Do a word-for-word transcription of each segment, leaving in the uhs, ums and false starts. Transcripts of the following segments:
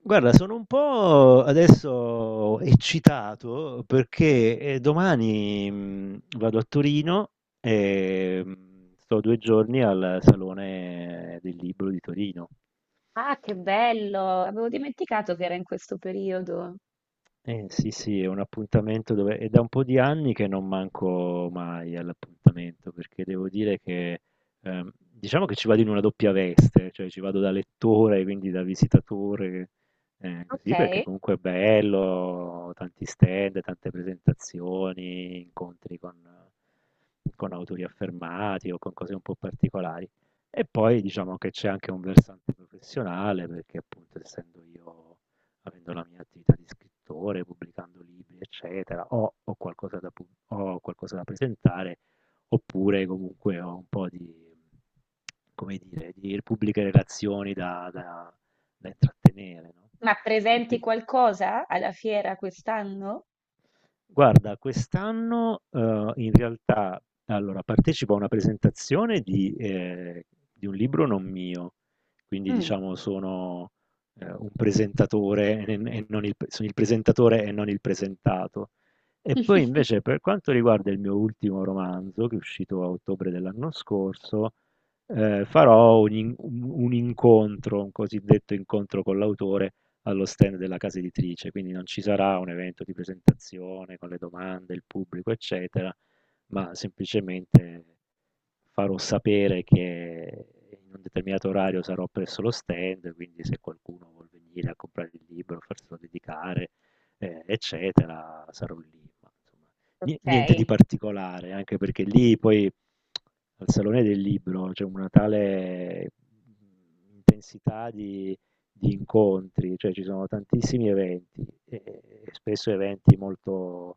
Guarda, sono un po' adesso eccitato perché eh, domani mh, vado a Torino e mh, sto due giorni al Salone del Libro di Torino. Ah, che bello! Avevo dimenticato che era in questo periodo. Eh sì, sì, è un appuntamento dove è da un po' di anni che non manco mai all'appuntamento, perché devo dire che ehm, diciamo che ci vado in una doppia veste, cioè ci vado da lettore, quindi da visitatore, eh, Ok, così perché comunque è bello, tanti stand, tante presentazioni, incontri con, con autori affermati o con cose un po' particolari. E poi diciamo che c'è anche un versante professionale, perché appunto essendo io Avendo la mia attività di scrittore, pubblicando libri, eccetera, ho ho qualcosa da pu ho qualcosa da presentare, oppure comunque ho un po' di, come dire, di pubbliche relazioni da da da intrattenere, no, ma e presenti quin qualcosa alla fiera quest'anno? guarda, quest'anno, uhm, in realtà allora partecipo a una presentazione di ehm, di un libro non mio, quindi Mm. diciamo sono, ehm, un presentatore e n e non il p sono il presentatore e non il presentato. E poi invece per quanto riguarda il mio ultimo romanzo, che è uscito a ottobre dell'anno scorso, ehm, farò un in un un incontro, un cosiddetto incontro con l'autore allo stand della casa editrice, quindi non ci sarà un evento di presentazione con le domande, il pubblico, eccetera, ma semplicemente farò sapere che in un determinato orario sarò presso lo stand, quindi se qualcuno vuol venire a comprare il libro, farselo dedicare, eh, eccetera, sarò lì. Ma, insomma, ni- Ok, niente di particolare, anche perché lì poi al Salone del Libro c'è una tale intensità di di incontri, cioè ci sono tantissimi eventi, e spesso eventi molto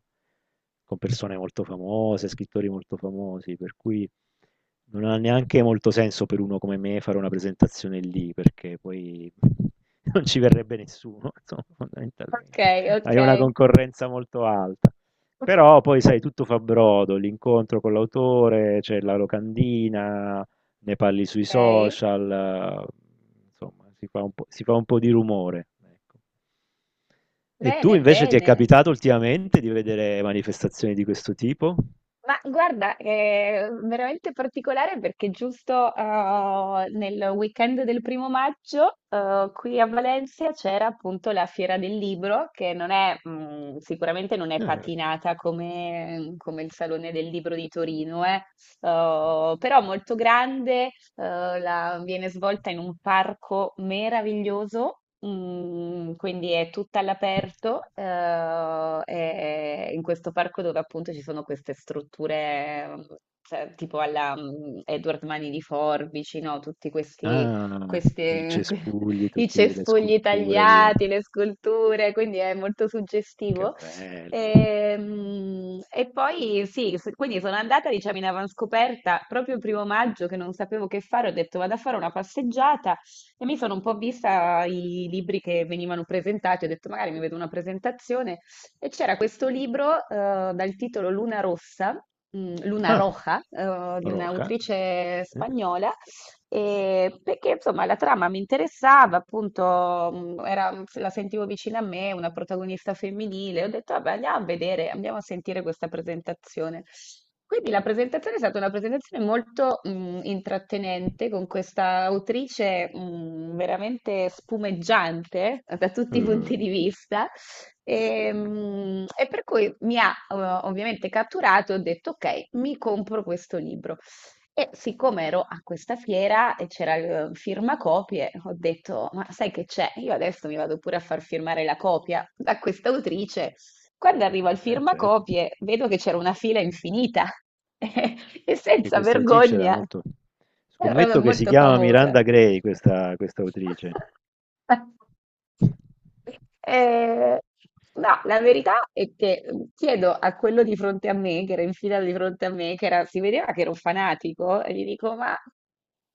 con persone molto famose, scrittori molto famosi, per cui non ha neanche molto senso per uno come me fare una presentazione lì, perché poi non ci verrebbe nessuno, insomma, ok, fondamentalmente. ok, Hai una concorrenza molto alta. Però poi sai, tutto fa brodo, l'incontro con l'autore, c'è la locandina, ne parli sui ok. social, eh, insomma, si fa un po', si fa un po' di rumore. Ecco. E tu Bene, invece ti è bene. capitato ultimamente di vedere manifestazioni di questo tipo? Ma guarda, è veramente particolare perché giusto eh, nel weekend del primo maggio eh, qui a Valencia c'era appunto la Fiera del Libro, che non è, mm, sicuramente non è Eh, guarda. patinata come, come il Salone del Libro di Torino, eh, eh, però molto grande, eh, la- viene svolta in un parco meraviglioso. Mm, quindi è tutta all'aperto, eh, è in questo parco dove appunto ci sono queste strutture, mm, cioè, tipo alla mm, Edward Mani di Forbici, no? Tutti questi, Ah, il queste- cespugli, i tutte le cespugli sculture di. tagliati, le sculture, quindi è molto Che suggestivo. bello. Ehm, E poi sì, s- quindi sono andata, diciamo, in avanscoperta proprio il primo maggio che non sapevo che fare, ho detto vado a fare una passeggiata e mi sono un po' vista i libri che venivano presentati, ho detto magari mi vedo una presentazione e c'era questo libro eh, dal titolo Luna Rossa, mm, Luna Ah, Roja, eh, di Roja, un'autrice ovviamente. spagnola e perché insomma la trama mi interessava, appunto, mh, era- la sentivo vicina a me, una protagonista femminile. Ho detto, vabbè, andiamo a vedere, andiamo a sentire questa presentazione. Quindi la presentazione è stata una presentazione molto mh, intrattenente con questa autrice mh, veramente spumeggiante eh, da tutti i Eh, punti di vista. E mh, e per cui mi ha eh, ovviamente catturato e ho detto: Ok, mi compro questo libro. E siccome ero a questa fiera e c'era il eh, firmacopie, ho detto, ma sai che c'è? Io adesso mi vado pure a far firmare la copia da questa autrice. Quando arrivo al eh, certo, firmacopie, vedo che c'era una fila infinita e perché senza questa autrice era vergogna, molto. era Scommetto che si molto chiama famosa. Miranda Gray, questa, questa autrice. Eh, no, la verità è che mm, chiedo a quello di fronte a me, che era in fila di fronte a me, che era- si vedeva che era un fanatico, e gli dico: Ma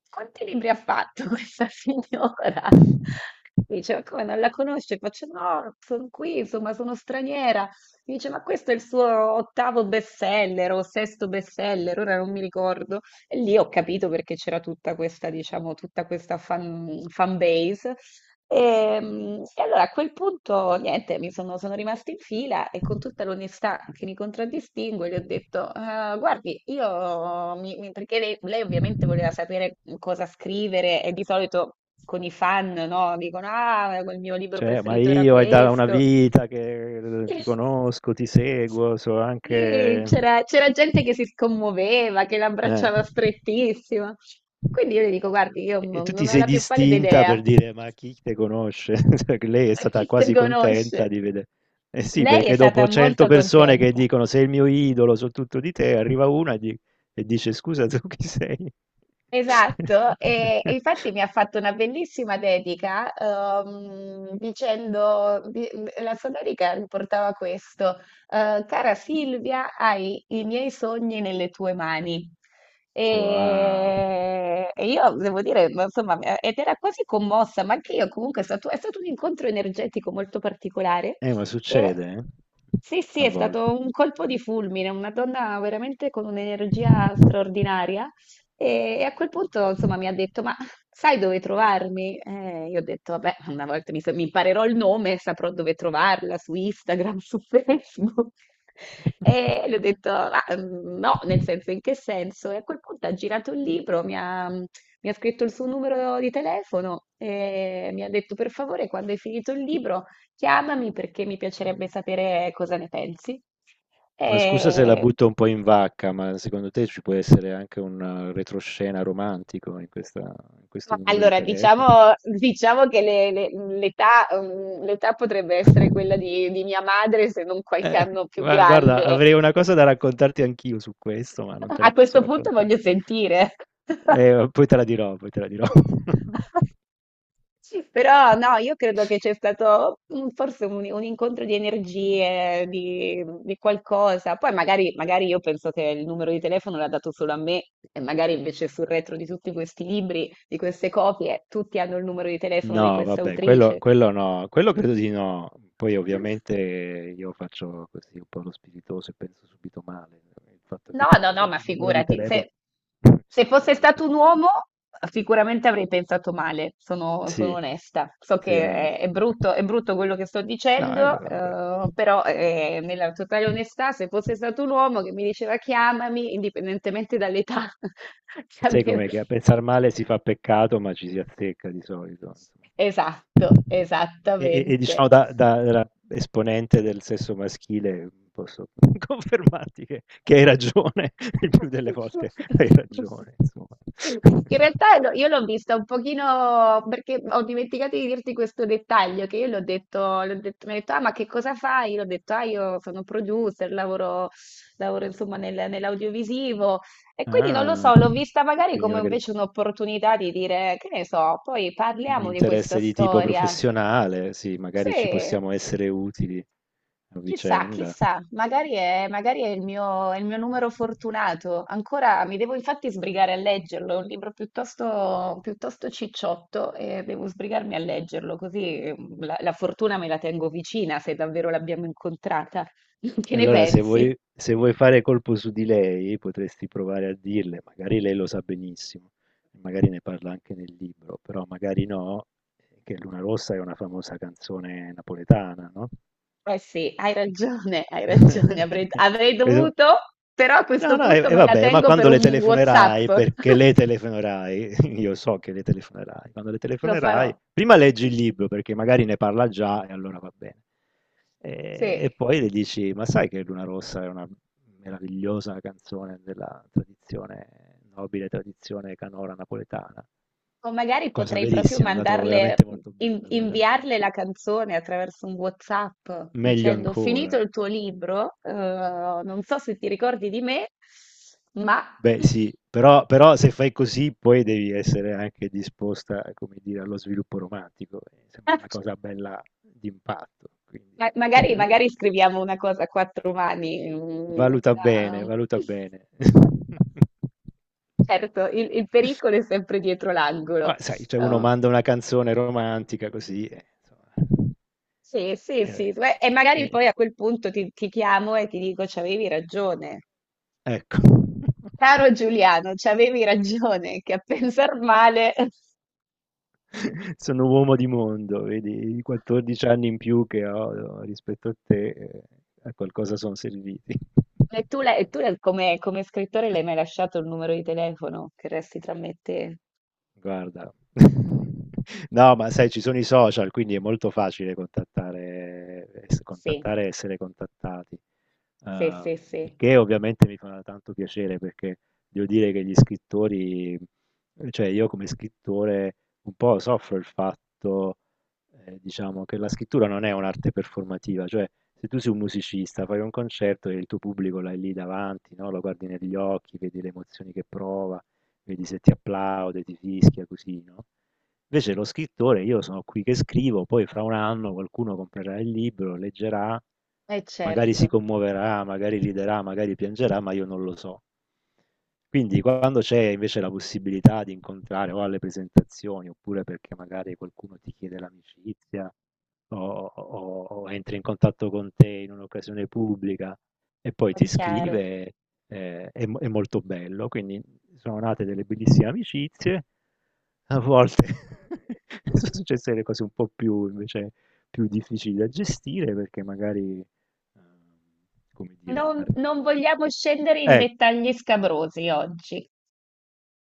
quanti libri ha fatto questa signora? Mi dice, ma come non la conosce? Faccio, no, sono qui, insomma, sono straniera. Mi dice, ma questo è il suo ottavo bestseller o sesto bestseller, ora non mi ricordo. E lì ho capito perché c'era tutta questa, diciamo, tutta questa fan, fan base e mm, e allora a quel punto, niente, mi sono, sono rimasta in fila e con tutta l'onestà che mi contraddistingue gli ho detto: "Ah, guardi, io mi- mi-" perché lei, lei ovviamente voleva sapere cosa scrivere, e di solito con i fan, no, dicono: Ah, il mio libro Cioè, ma preferito era io è da una questo. vita che eh, ti conosco, ti seguo, so Sì, anche c'era c'era gente che si scommuoveva, che eh. l'abbracciava strettissima. Quindi io le dico, guardi, io E e non tu ti non ho sei la più pallida distinta idea. per dire: "Ma chi te conosce?" Cioè, che lei è Ma stata chi te quasi conosce? contenta di vede eh sì, Lei è perché stata dopo cento molto persone che contenta. dicono: "Sei il mio idolo, so tutto di te", arriva una e di e dice: "Scusa, tu chi sei?" Esatto, e, e infatti mi ha fatto una bellissima dedica ehm, dicendo, di- la sua dedica riportava questo, eh, cara Silvia, hai i miei sogni nelle tue mani. Wow. E e io devo dire, ma insomma, mi- ed era quasi commossa, ma anche io comunque è stato, è stato un incontro energetico molto particolare. Eh, ma E succede, eh, sì, sì, a è volte. stato un colpo di fulmine, una donna veramente con un'energia straordinaria. E e a quel punto, insomma, mi ha detto: Ma sai dove trovarmi? Eh, io ho detto: Vabbè, una volta mi, sa- mi imparerò il nome, saprò dove trovarla su Instagram, su Facebook. E le ho detto: "Ma mm, no, nel senso, in che senso?" E a quel punto ha girato il libro, mi ha, mi ha scritto il suo numero di telefono e mi ha detto: Per favore, quando hai finito il libro, chiamami perché mi piacerebbe sapere cosa ne pensi. Ma scusa se la E butto un po' in vacca, ma secondo te ci può essere anche un eh, retroscena romantico in questa- in questo ma numero di allora, telefono? diciamo, diciamo che le- le- l'età mm, l'età potrebbe essere quella di, di mia madre, se non qualche Eh, anno più gua- guarda, grande. avrei una cosa da raccontarti anch'io su questo, ma non te la A posso questo punto raccontare. voglio sentire. Eh, poi te la dirò, poi te la dirò. Però no, io credo che c'è stato mm, forse un, un incontro di energie, di, di qualcosa. Poi magari, magari io penso che il numero di telefono l'ha dato solo a me e magari invece sul retro di tutti questi libri, di queste copie, tutti hanno il numero di telefono di No, questa vabbè, quello, autrice. quello no, quello credo di no. Poi ovviamente io faccio così un po' lo spiritoso e penso subito male. eh, Il fatto che No, ti no, vedo no, ma sul numero di figurati, telefono. se, se fosse Eh, stato un uomo, sicuramente avrei pensato male, sono, sono sì, onesta. So sì, che è, è onesto. brutto, è brutto quello che sto No, eh, beh, dicendo, vabbè. eh, però eh, nella totale onestà, se fosse stato un uomo che mi diceva chiamami, indipendentemente dall'età, che Sai com'è avevo- che a pensar male si fa peccato, ma ci si azzecca di solito. esatto, Insomma. E, e- e esattamente. diciamo da, da- da esponente del sesso maschile posso confermarti che, che hai ragione, il più delle volte hai ragione, insomma. Sì, in realtà no, io l'ho vista un pochino perché ho dimenticato di dirti questo dettaglio che io l'ho detto, l'ho detto, mi ha detto, ah, ma che cosa fai? Io l'ho detto, ah, io sono producer, lavoro, lavoro insomma nel- nell'audiovisivo e quindi non lo Ah, so, l'ho vista magari quindi come magari invece un'opportunità di dire, che ne so, poi un parliamo di questa interesse di tipo storia. professionale, sì, magari ci Sì. possiamo essere utili a Chissà, vicenda. chissà, magari è, magari è il mio, è il mio numero fortunato. Ancora mi devo infatti sbrigare a leggerlo, è un libro piuttosto, piuttosto cicciotto e devo sbrigarmi a leggerlo, così eh, la, la fortuna me la tengo vicina se davvero l'abbiamo incontrata. Che ne Allora, se pensi? vuoi, se vuoi fare colpo su di lei, potresti provare a dirle, magari lei lo sa benissimo, magari ne parla anche nel libro, però magari no, che Luna Rossa è una famosa canzone napoletana, no? Eh sì, hai ragione, hai ragione, avrei, avrei Questo dovuto, però a No, questo no, e, punto e me la vabbè, ma tengo per quando le un WhatsApp. telefonerai, perché le telefonerai, io so che le telefonerai, quando le Lo farò. telefonerai, prima leggi il libro perché magari ne parla già e allora va bene. E, e Sì. poi le dici, ma sai che Luna Rossa è una meravigliosa canzone della tradizione, nobile tradizione canora napoletana, O magari cosa potrei proprio verissima, la trovo mandarle, veramente molto in- bella come canzone. inviarle la canzone attraverso un WhatsApp Meglio dicendo: Ho finito ancora. il tuo libro, eh, non so se ti ricordi di me, ma Beh sì, però, però, se fai così poi devi essere anche disposta, come dire, allo sviluppo romantico. eh, Sembra una cosa bella d'impatto, quindi ma- magari, magari scriviamo una cosa a quattro mani. Mm, valuta bene, una- valuta bene. certo, il, il pericolo è sempre dietro l'angolo. Ma sai, cioè uno Eh, manda una canzone romantica così, eh, insomma, sì, sì, eh, sì. Beh, e eh, magari eh, poi a quel punto ti, ti chiamo e ti dico: C'avevi ragione. ecco. Caro Giuliano, c'avevi ragione che a pensar male... Sono uomo di mondo, vedi, i quattordici anni in più che ho no, rispetto a te, eh, a qualcosa sono serviti. E tu, l'hai- e tu l'hai- come, come scrittore l'hai mai lasciato il numero di telefono che resti tra me e te? Guarda, no, ma sai, ci sono i social, quindi è molto facile contattare, es- Sì, contattare e essere contattati. sì, Ehm, sì, il sì. che ovviamente mi fa tanto piacere perché devo dire che gli scrittori, cioè io come scrittore un po' soffro il fatto, eh, diciamo, che la scrittura non è un'arte performativa, cioè se tu sei un musicista, fai un concerto e il tuo pubblico l'hai lì davanti, no? Lo guardi negli occhi, vedi le emozioni che prova, vedi se ti applaude, ti fischia, così, no? Invece lo scrittore, io sono qui che scrivo, poi fra un anno qualcuno comprerà il libro, leggerà, Eh magari si certo. commuoverà, magari riderà, magari piangerà, ma io non lo so. Quindi quando c'è invece la possibilità di incontrare o alle presentazioni, oppure perché magari qualcuno ti chiede l'amicizia, o o o entri in contatto con te in un'occasione pubblica e poi È ti chiaro. scrive, ehm, è mo è molto bello. Quindi sono nate delle bellissime amicizie, a volte sono successe delle cose un po' più invece più difficili da gestire perché magari, ehm, come dire, non Non, ar non vogliamo scendere in e dettagli scabrosi oggi.